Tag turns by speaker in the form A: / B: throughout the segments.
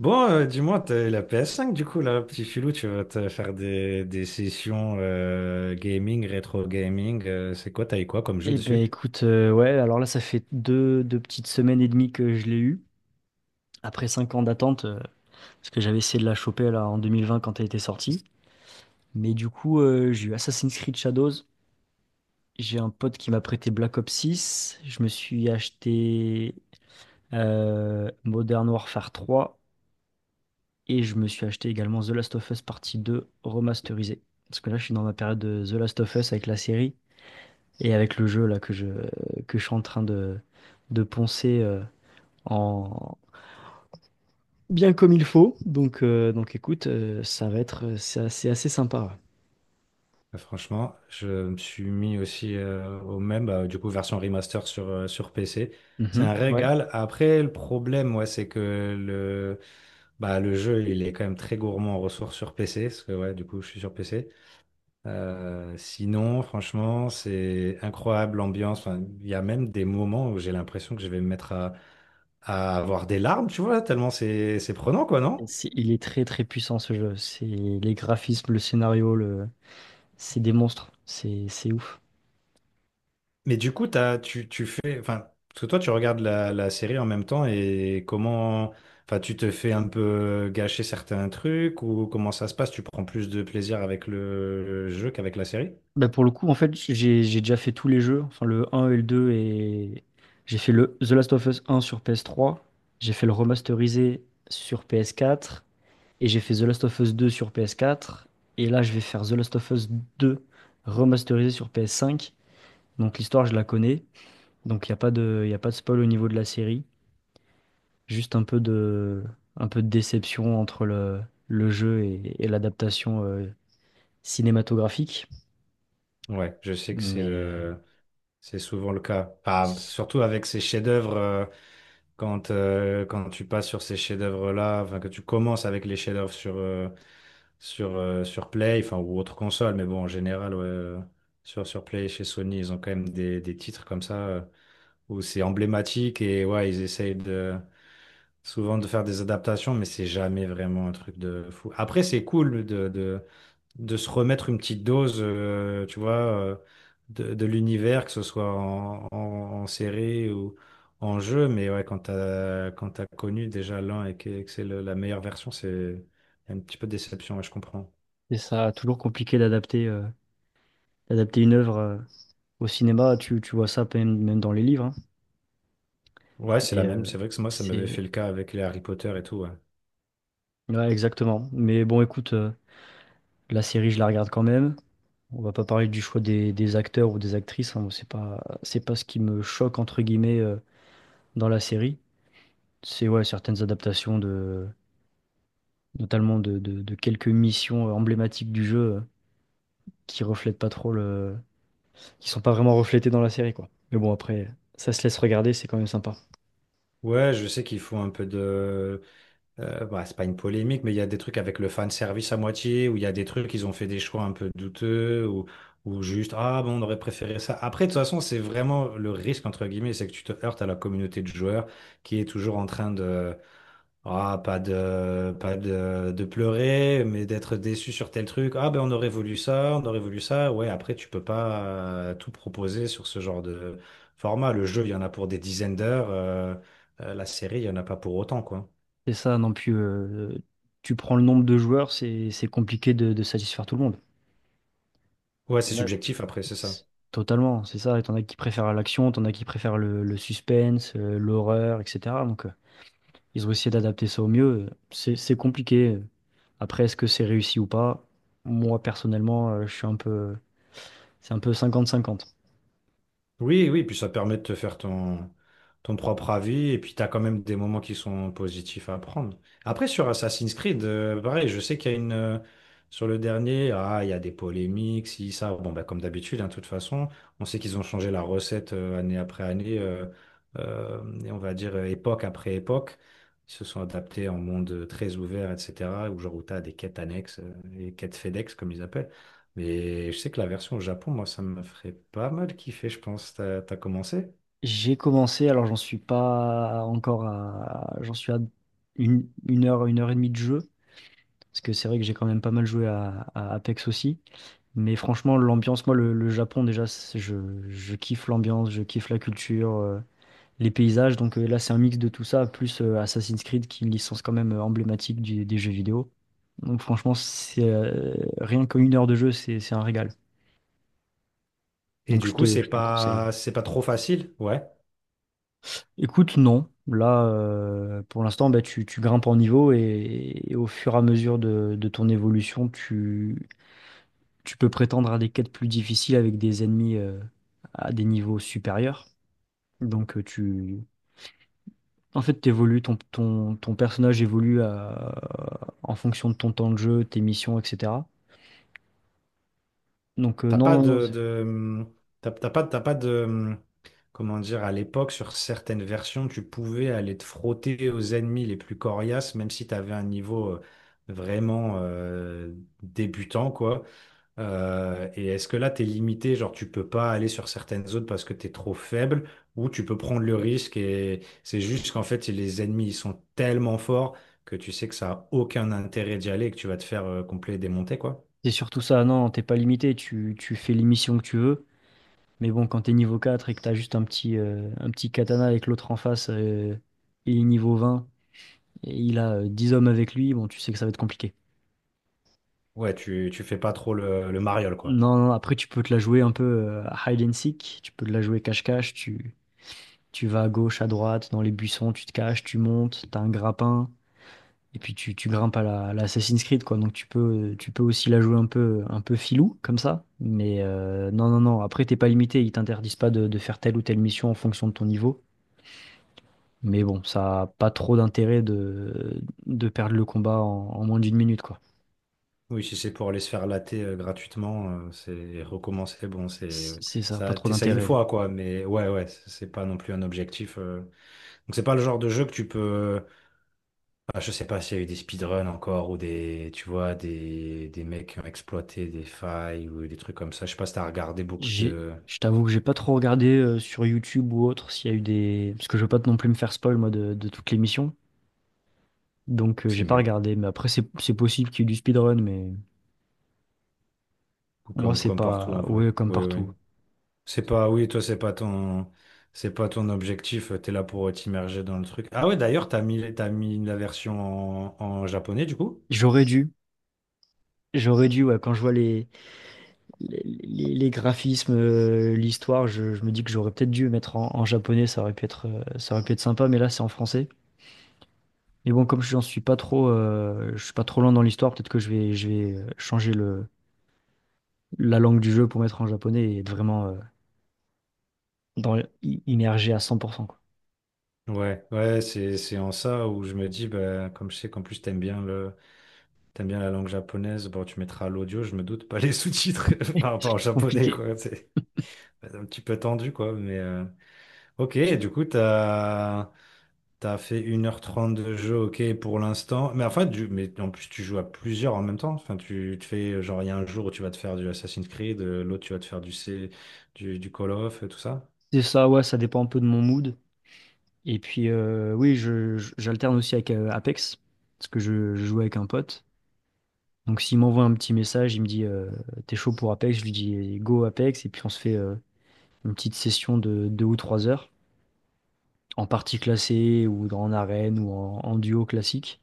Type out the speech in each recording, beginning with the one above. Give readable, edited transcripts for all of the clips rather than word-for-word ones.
A: Bon, dis-moi, t'as la PS5 du coup, là, petit filou, tu vas te faire des sessions gaming, rétro gaming. C'est quoi, t'as eu quoi comme jeu
B: Eh ben
A: dessus?
B: écoute, ouais, alors là, ça fait deux petites semaines et demie que je l'ai eu. Après 5 ans d'attente, parce que j'avais essayé de la choper là en 2020 quand elle était sortie. Mais du coup, j'ai eu Assassin's Creed Shadows. J'ai un pote qui m'a prêté Black Ops six. Je me suis acheté Modern Warfare trois. Et je me suis acheté également The Last of Us Partie deux remasterisée. Parce que là, je suis dans ma période de The Last of Us avec la série et avec le jeu là que je suis en train de poncer, en, bien comme il faut. Donc écoute, c'est assez sympa.
A: Franchement, je me suis mis aussi au même, bah, du coup, version remaster sur, sur PC.
B: Ouais.
A: C'est
B: Mhm.
A: un
B: Ouais.
A: régal. Après, le problème, ouais, c'est que le, bah, le jeu, il est quand même très gourmand en ressources sur PC, parce que, ouais, du coup, je suis sur PC. Sinon, franchement, c'est incroyable l'ambiance. Enfin, il y a même des moments où j'ai l'impression que je vais me mettre à avoir des larmes, tu vois, tellement c'est prenant, quoi,
B: Et
A: non?
B: il est très très puissant ce jeu. C'est les graphismes, le scénario, c'est des monstres. C'est ouf.
A: Mais du coup, tu fais, enfin, parce que toi, tu regardes la série en même temps et comment, enfin, tu te fais un peu gâcher certains trucs ou comment ça se passe? Tu prends plus de plaisir avec le jeu qu'avec la série?
B: Bah pour le coup, en fait, j'ai déjà fait tous les jeux, enfin le 1 et le 2, et j'ai fait le The Last of Us 1 sur PS3, j'ai fait le remasterisé sur PS4, et j'ai fait The Last of Us 2 sur PS4, et là je vais faire The Last of Us 2 remasterisé sur PS5. Donc l'histoire, je la connais. Donc il a pas de spoil au niveau de la série, juste un peu de déception entre le jeu et l'adaptation cinématographique.
A: Ouais, je sais que c'est
B: Mais
A: le, C'est souvent le cas. Enfin, surtout avec ces chefs-d'œuvre, quand, quand tu passes sur ces chefs-d'œuvre-là, enfin, que tu commences avec les chefs-d'œuvre sur, sur, sur Play, enfin, ou autre console, mais bon, en général, ouais, sur, sur Play, chez Sony, ils ont quand même des titres comme ça, où c'est emblématique et ouais, ils essayent de, souvent de faire des adaptations, mais c'est jamais vraiment un truc de fou. Après, c'est cool de se remettre une petite dose, tu vois, de l'univers, que ce soit en, en, en série ou en jeu. Mais ouais, quand t'as connu déjà l'un et que c'est le- la meilleure version, c'est un petit peu de déception, ouais, je comprends.
B: c'est ça, toujours compliqué d'adapter une œuvre au cinéma. Tu vois ça même, même dans les livres, hein.
A: Ouais, c'est
B: Mais
A: la même.
B: euh,
A: C'est vrai que moi, ça m'avait fait
B: c'est...
A: le cas avec les Harry Potter et tout, ouais.
B: Ouais, exactement. Mais bon, écoute, la série, je la regarde quand même. On va pas parler du choix des acteurs ou des actrices, hein. Bon, c'est pas ce qui me choque, entre guillemets, dans la série. C'est ouais, certaines adaptations de notamment de quelques missions emblématiques du jeu qui reflètent pas trop le qui sont pas vraiment reflétées dans la série, quoi. Mais bon après ça se laisse regarder, c'est quand même sympa.
A: Ouais, je sais qu'ils font un peu de... Bah, c'est pas une polémique, mais il y a des trucs avec le fan service à moitié, où il y a des trucs, ils ont fait des choix un peu douteux, ou juste, ah bon, on aurait préféré ça. Après, de toute façon, c'est vraiment le risque, entre guillemets, c'est que tu te heurtes à la communauté de joueurs qui est toujours en train de, ah, pas de, de pleurer, mais d'être déçu sur tel truc. Ah ben, on aurait voulu ça, on aurait voulu ça. Ouais, après, tu peux pas tout proposer sur ce genre de format. Le jeu, il y en a pour des dizaines d'heures, la série, il y en a pas pour autant, quoi.
B: C'est ça non plus tu prends le nombre de joueurs, c'est compliqué de satisfaire tout le monde.
A: Ouais, c'est
B: T'en as-
A: subjectif après, c'est ça.
B: c'est- Totalement, c'est ça. T'en as qui préfèrent l'action, t'en as qui préfèrent le suspense, l'horreur, etc. Donc ils ont essayé d'adapter ça au mieux. C'est compliqué. Après, est-ce que c'est réussi ou pas? Moi, personnellement, je suis un peu, c'est un peu 50-50.
A: Oui, oui, puis ça permet de te faire ton, ton propre avis, et puis t'as quand même des moments qui sont positifs à prendre. Après, sur Assassin's Creed, pareil, je sais qu'il y a une... sur le dernier, ah, il y a des polémiques, si, ça, bon, bah, comme d'habitude, hein, de toute façon, on sait qu'ils ont changé la recette année après année, et on va dire époque après époque. Ils se sont adaptés en monde très ouvert, etc., où genre où t'as des quêtes annexes, et quêtes FedEx, comme ils appellent. Mais je sais que la version au Japon, moi, ça me ferait pas mal kiffer, je pense. T'as, t'as commencé?
B: J'ai commencé, alors j'en suis pas encore à, j'en suis à une heure et demie de jeu, parce que c'est vrai que j'ai quand même pas mal joué à Apex aussi. Mais franchement, l'ambiance, moi, le Japon, déjà, je kiffe l'ambiance, je kiffe la culture, les paysages. Donc là, c'est un mix de tout ça, plus Assassin's Creed, qui est une licence quand même emblématique des jeux vidéo. Donc franchement, c'est rien qu'une heure de jeu, c'est un régal.
A: Et
B: Donc
A: du coup,
B: je te le conseille.
A: c'est pas trop facile, ouais.
B: Écoute, non. Là, pour l'instant, bah, tu grimpes en niveau et au fur et à mesure de ton évolution, tu peux prétendre à des quêtes plus difficiles avec des ennemis à des niveaux supérieurs. Donc euh, tu, En fait, t'évolues, ton personnage évolue en fonction de ton temps de jeu, tes missions, etc. Donc,
A: T'as
B: non,
A: pas
B: non, non,
A: de,
B: c'est
A: de, t'as, t'as pas de, comment dire, à l'époque, sur certaines versions, tu pouvais aller te frotter aux ennemis les plus coriaces, même si t'avais un niveau vraiment débutant, quoi. Et est-ce que là, tu es limité, genre tu peux pas aller sur certaines zones parce que tu es trop faible, ou tu peux prendre le risque et c'est juste qu'en fait, les ennemis, ils sont tellement forts que tu sais que ça a aucun intérêt d'y aller et que tu vas te faire complet démonter, quoi.
B: c'est surtout ça. Non, t'es pas limité, tu fais les missions que tu veux. Mais bon, quand t'es niveau 4 et que t'as juste un petit katana avec l'autre en face, il est niveau 20 et il a 10 hommes avec lui, bon, tu sais que ça va être compliqué.
A: Ouais, tu fais pas trop le mariole, quoi.
B: Non, non, après, tu peux te la jouer un peu à hide and seek, tu peux te la jouer cache-cache, tu vas à gauche, à droite, dans les buissons, tu te caches, tu montes, t'as un grappin. Et puis tu grimpes à la Assassin's Creed, quoi. Donc tu peux aussi la jouer un peu filou, comme ça. Mais non, non, non. Après, t'es pas limité. Ils t'interdisent pas de faire telle ou telle mission en fonction de ton niveau. Mais bon, ça a pas trop d'intérêt de perdre le combat en moins d'une minute, quoi.
A: Oui, si c'est pour aller se faire latter gratuitement, c'est recommencer, bon, c'est
B: C'est ça, pas
A: ça,
B: trop
A: t'essayes une
B: d'intérêt.
A: fois, quoi, mais ouais, ouais, c'est pas non plus un objectif. Donc c'est pas le genre de jeu que tu peux Ah, je sais pas s'il y a eu des speedruns encore ou des, tu vois, des mecs qui ont exploité des failles ou des trucs comme ça. Je sais pas si t'as regardé beaucoup
B: J'ai,
A: de...
B: je t'avoue que j'ai pas trop regardé sur YouTube ou autre s'il y a eu des. Parce que je veux pas non plus me faire spoil, moi, de toutes les missions. Donc j'ai
A: C'est
B: pas
A: mieux.
B: regardé. Mais après, c'est possible qu'il y ait du speedrun, mais moi,
A: Comme,
B: c'est
A: comme partout
B: pas.
A: en vrai.
B: Ouais, comme
A: Oui, oui.
B: partout.
A: C'est pas, oui, toi, c'est pas ton objectif. T'es là pour t'immerger dans le truc. Ah ouais, d'ailleurs, t'as mis la version en, en japonais du coup?
B: J'aurais dû, J'aurais dû, ouais, quand je vois les graphismes, l'histoire, je me dis que j'aurais peut-être dû mettre en japonais, ça aurait pu être sympa, mais là c'est en français. Mais bon, comme j'en suis pas trop, je suis pas trop loin dans l'histoire, peut-être que je vais changer la langue du jeu pour mettre en japonais et être vraiment dans, immergé à 100%, quoi.
A: Ouais, ouais, c'est en ça où je me dis, bah, comme je sais qu'en plus t'aimes bien le, t'aimes bien la langue japonaise, bon, tu mettras l'audio, je me doute, pas les sous-titres par rapport au japonais,
B: Compliqué.
A: quoi. Un petit peu tendu, quoi. Mais ok, et du coup, t'as as fait 1h30 de jeu, ok, pour l'instant. Mais enfin, du... mais en plus, tu joues à plusieurs en même temps. Enfin, tu te fais, genre, il y a un jour où tu vas te faire du Assassin's Creed, l'autre, tu vas te faire du, C... du Call of, et tout ça.
B: C'est ça, ouais, ça dépend un peu de mon mood. Et puis, oui, j'alterne aussi avec Apex, parce que je joue avec un pote. Donc s'il m'envoie un petit message, il me dit t'es chaud pour Apex, je lui dis go Apex et puis on se fait une petite session de 2 ou 3 heures en partie classée ou en arène ou en duo classique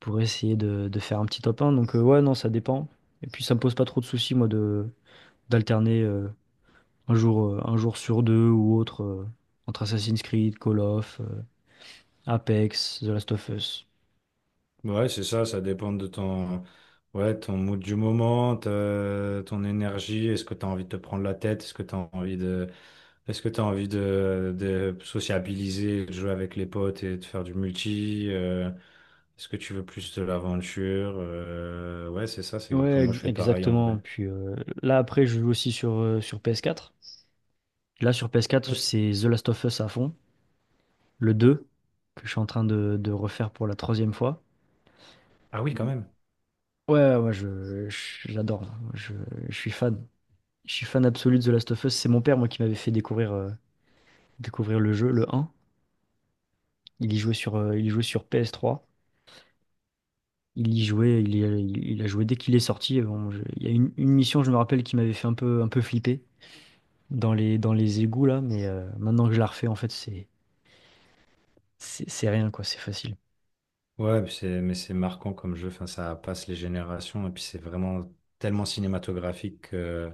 B: pour essayer de faire un petit top un. Donc ouais non ça dépend. Et puis ça me pose pas trop de soucis moi de d'alterner un jour sur deux ou autre entre Assassin's Creed, Call of, Apex, The Last of Us.
A: Ouais, c'est ça, ça dépend de ton, ouais, ton mood du moment, ta- ton énergie, est-ce que tu as envie de te prendre la tête, est-ce que tu as envie de. Est-ce que tu as envie de sociabiliser, de jouer avec les potes et de faire du multi? Est-ce que tu veux plus de l'aventure? Ouais, c'est ça, c'est enfin,
B: Ouais,
A: moi je fais pareil en
B: exactement.
A: vrai.
B: Puis là après je joue aussi sur PS4. Là, sur PS4,
A: Ouais.
B: c'est The Last of Us à fond, le 2, que je suis en train de refaire pour la troisième fois.
A: Ah oui, quand même.
B: Ouais, ouais, moi, j'adore, hein. Je suis fan. Je suis fan absolu de The Last of Us. C'est mon père, moi, qui m'avait fait découvrir, découvrir le jeu, le 1. Il y jouait sur PS3. Il y jouait, il, y a, il a joué dès qu'il est sorti. Bon, il y a une mission, je me rappelle, qui m'avait fait un peu flipper dans les égouts, là. Mais maintenant que je la refais, en fait, c'est rien, quoi. C'est facile.
A: Ouais, mais c'est marquant comme jeu, enfin, ça passe les générations et puis c'est vraiment tellement cinématographique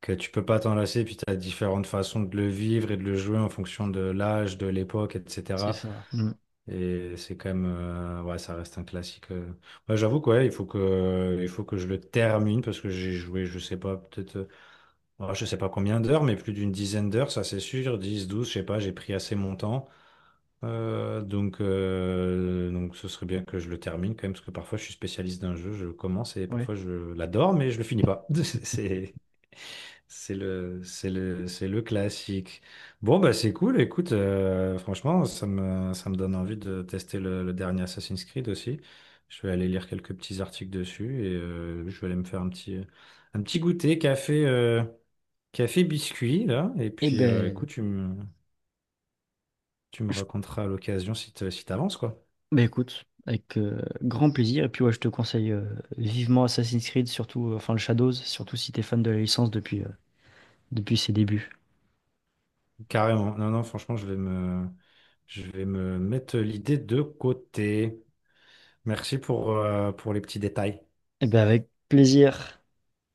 A: que tu peux pas t'en lasser, puis tu as différentes façons de le vivre et de le jouer en fonction de l'âge, de l'époque,
B: C'est
A: etc.
B: ça. Mm.
A: Et c'est quand même, ouais, ça reste un classique. Ouais, j'avoue que ouais, il faut que je le termine parce que j'ai joué, je sais pas, peut-être, ouais, je sais pas combien d'heures, mais plus d'une dizaine d'heures, ça c'est sûr, 10 12 je sais pas, j'ai pris assez mon temps. Donc ce serait bien que je le termine quand même, parce que parfois je suis spécialiste d'un jeu, je commence et
B: Ouais.
A: parfois je l'adore, mais je le finis pas. C'est, c'est le classique. Bon, bah c'est cool, écoute, franchement, ça me donne envie de tester le dernier Assassin's Creed aussi. Je vais aller lire quelques petits articles dessus et je vais aller me faire un petit goûter café, café biscuit, là. Et
B: Eh
A: puis,
B: ben.
A: écoute, tu me
B: Je
A: raconteras à l'occasion si te- si t'avances, quoi.
B: Bah écoute, avec grand plaisir. Et puis ouais, je te conseille vivement Assassin's Creed, surtout, enfin le Shadows, surtout si t'es fan de la licence depuis ses débuts.
A: Carrément. Non, non, franchement, je vais me mettre l'idée de côté. Merci pour les petits détails.
B: Et ben avec plaisir.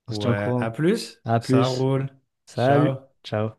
B: On se tient au
A: Ouais, à
B: courant.
A: plus.
B: À
A: Ça
B: plus.
A: roule.
B: Salut.
A: Ciao.
B: Ciao.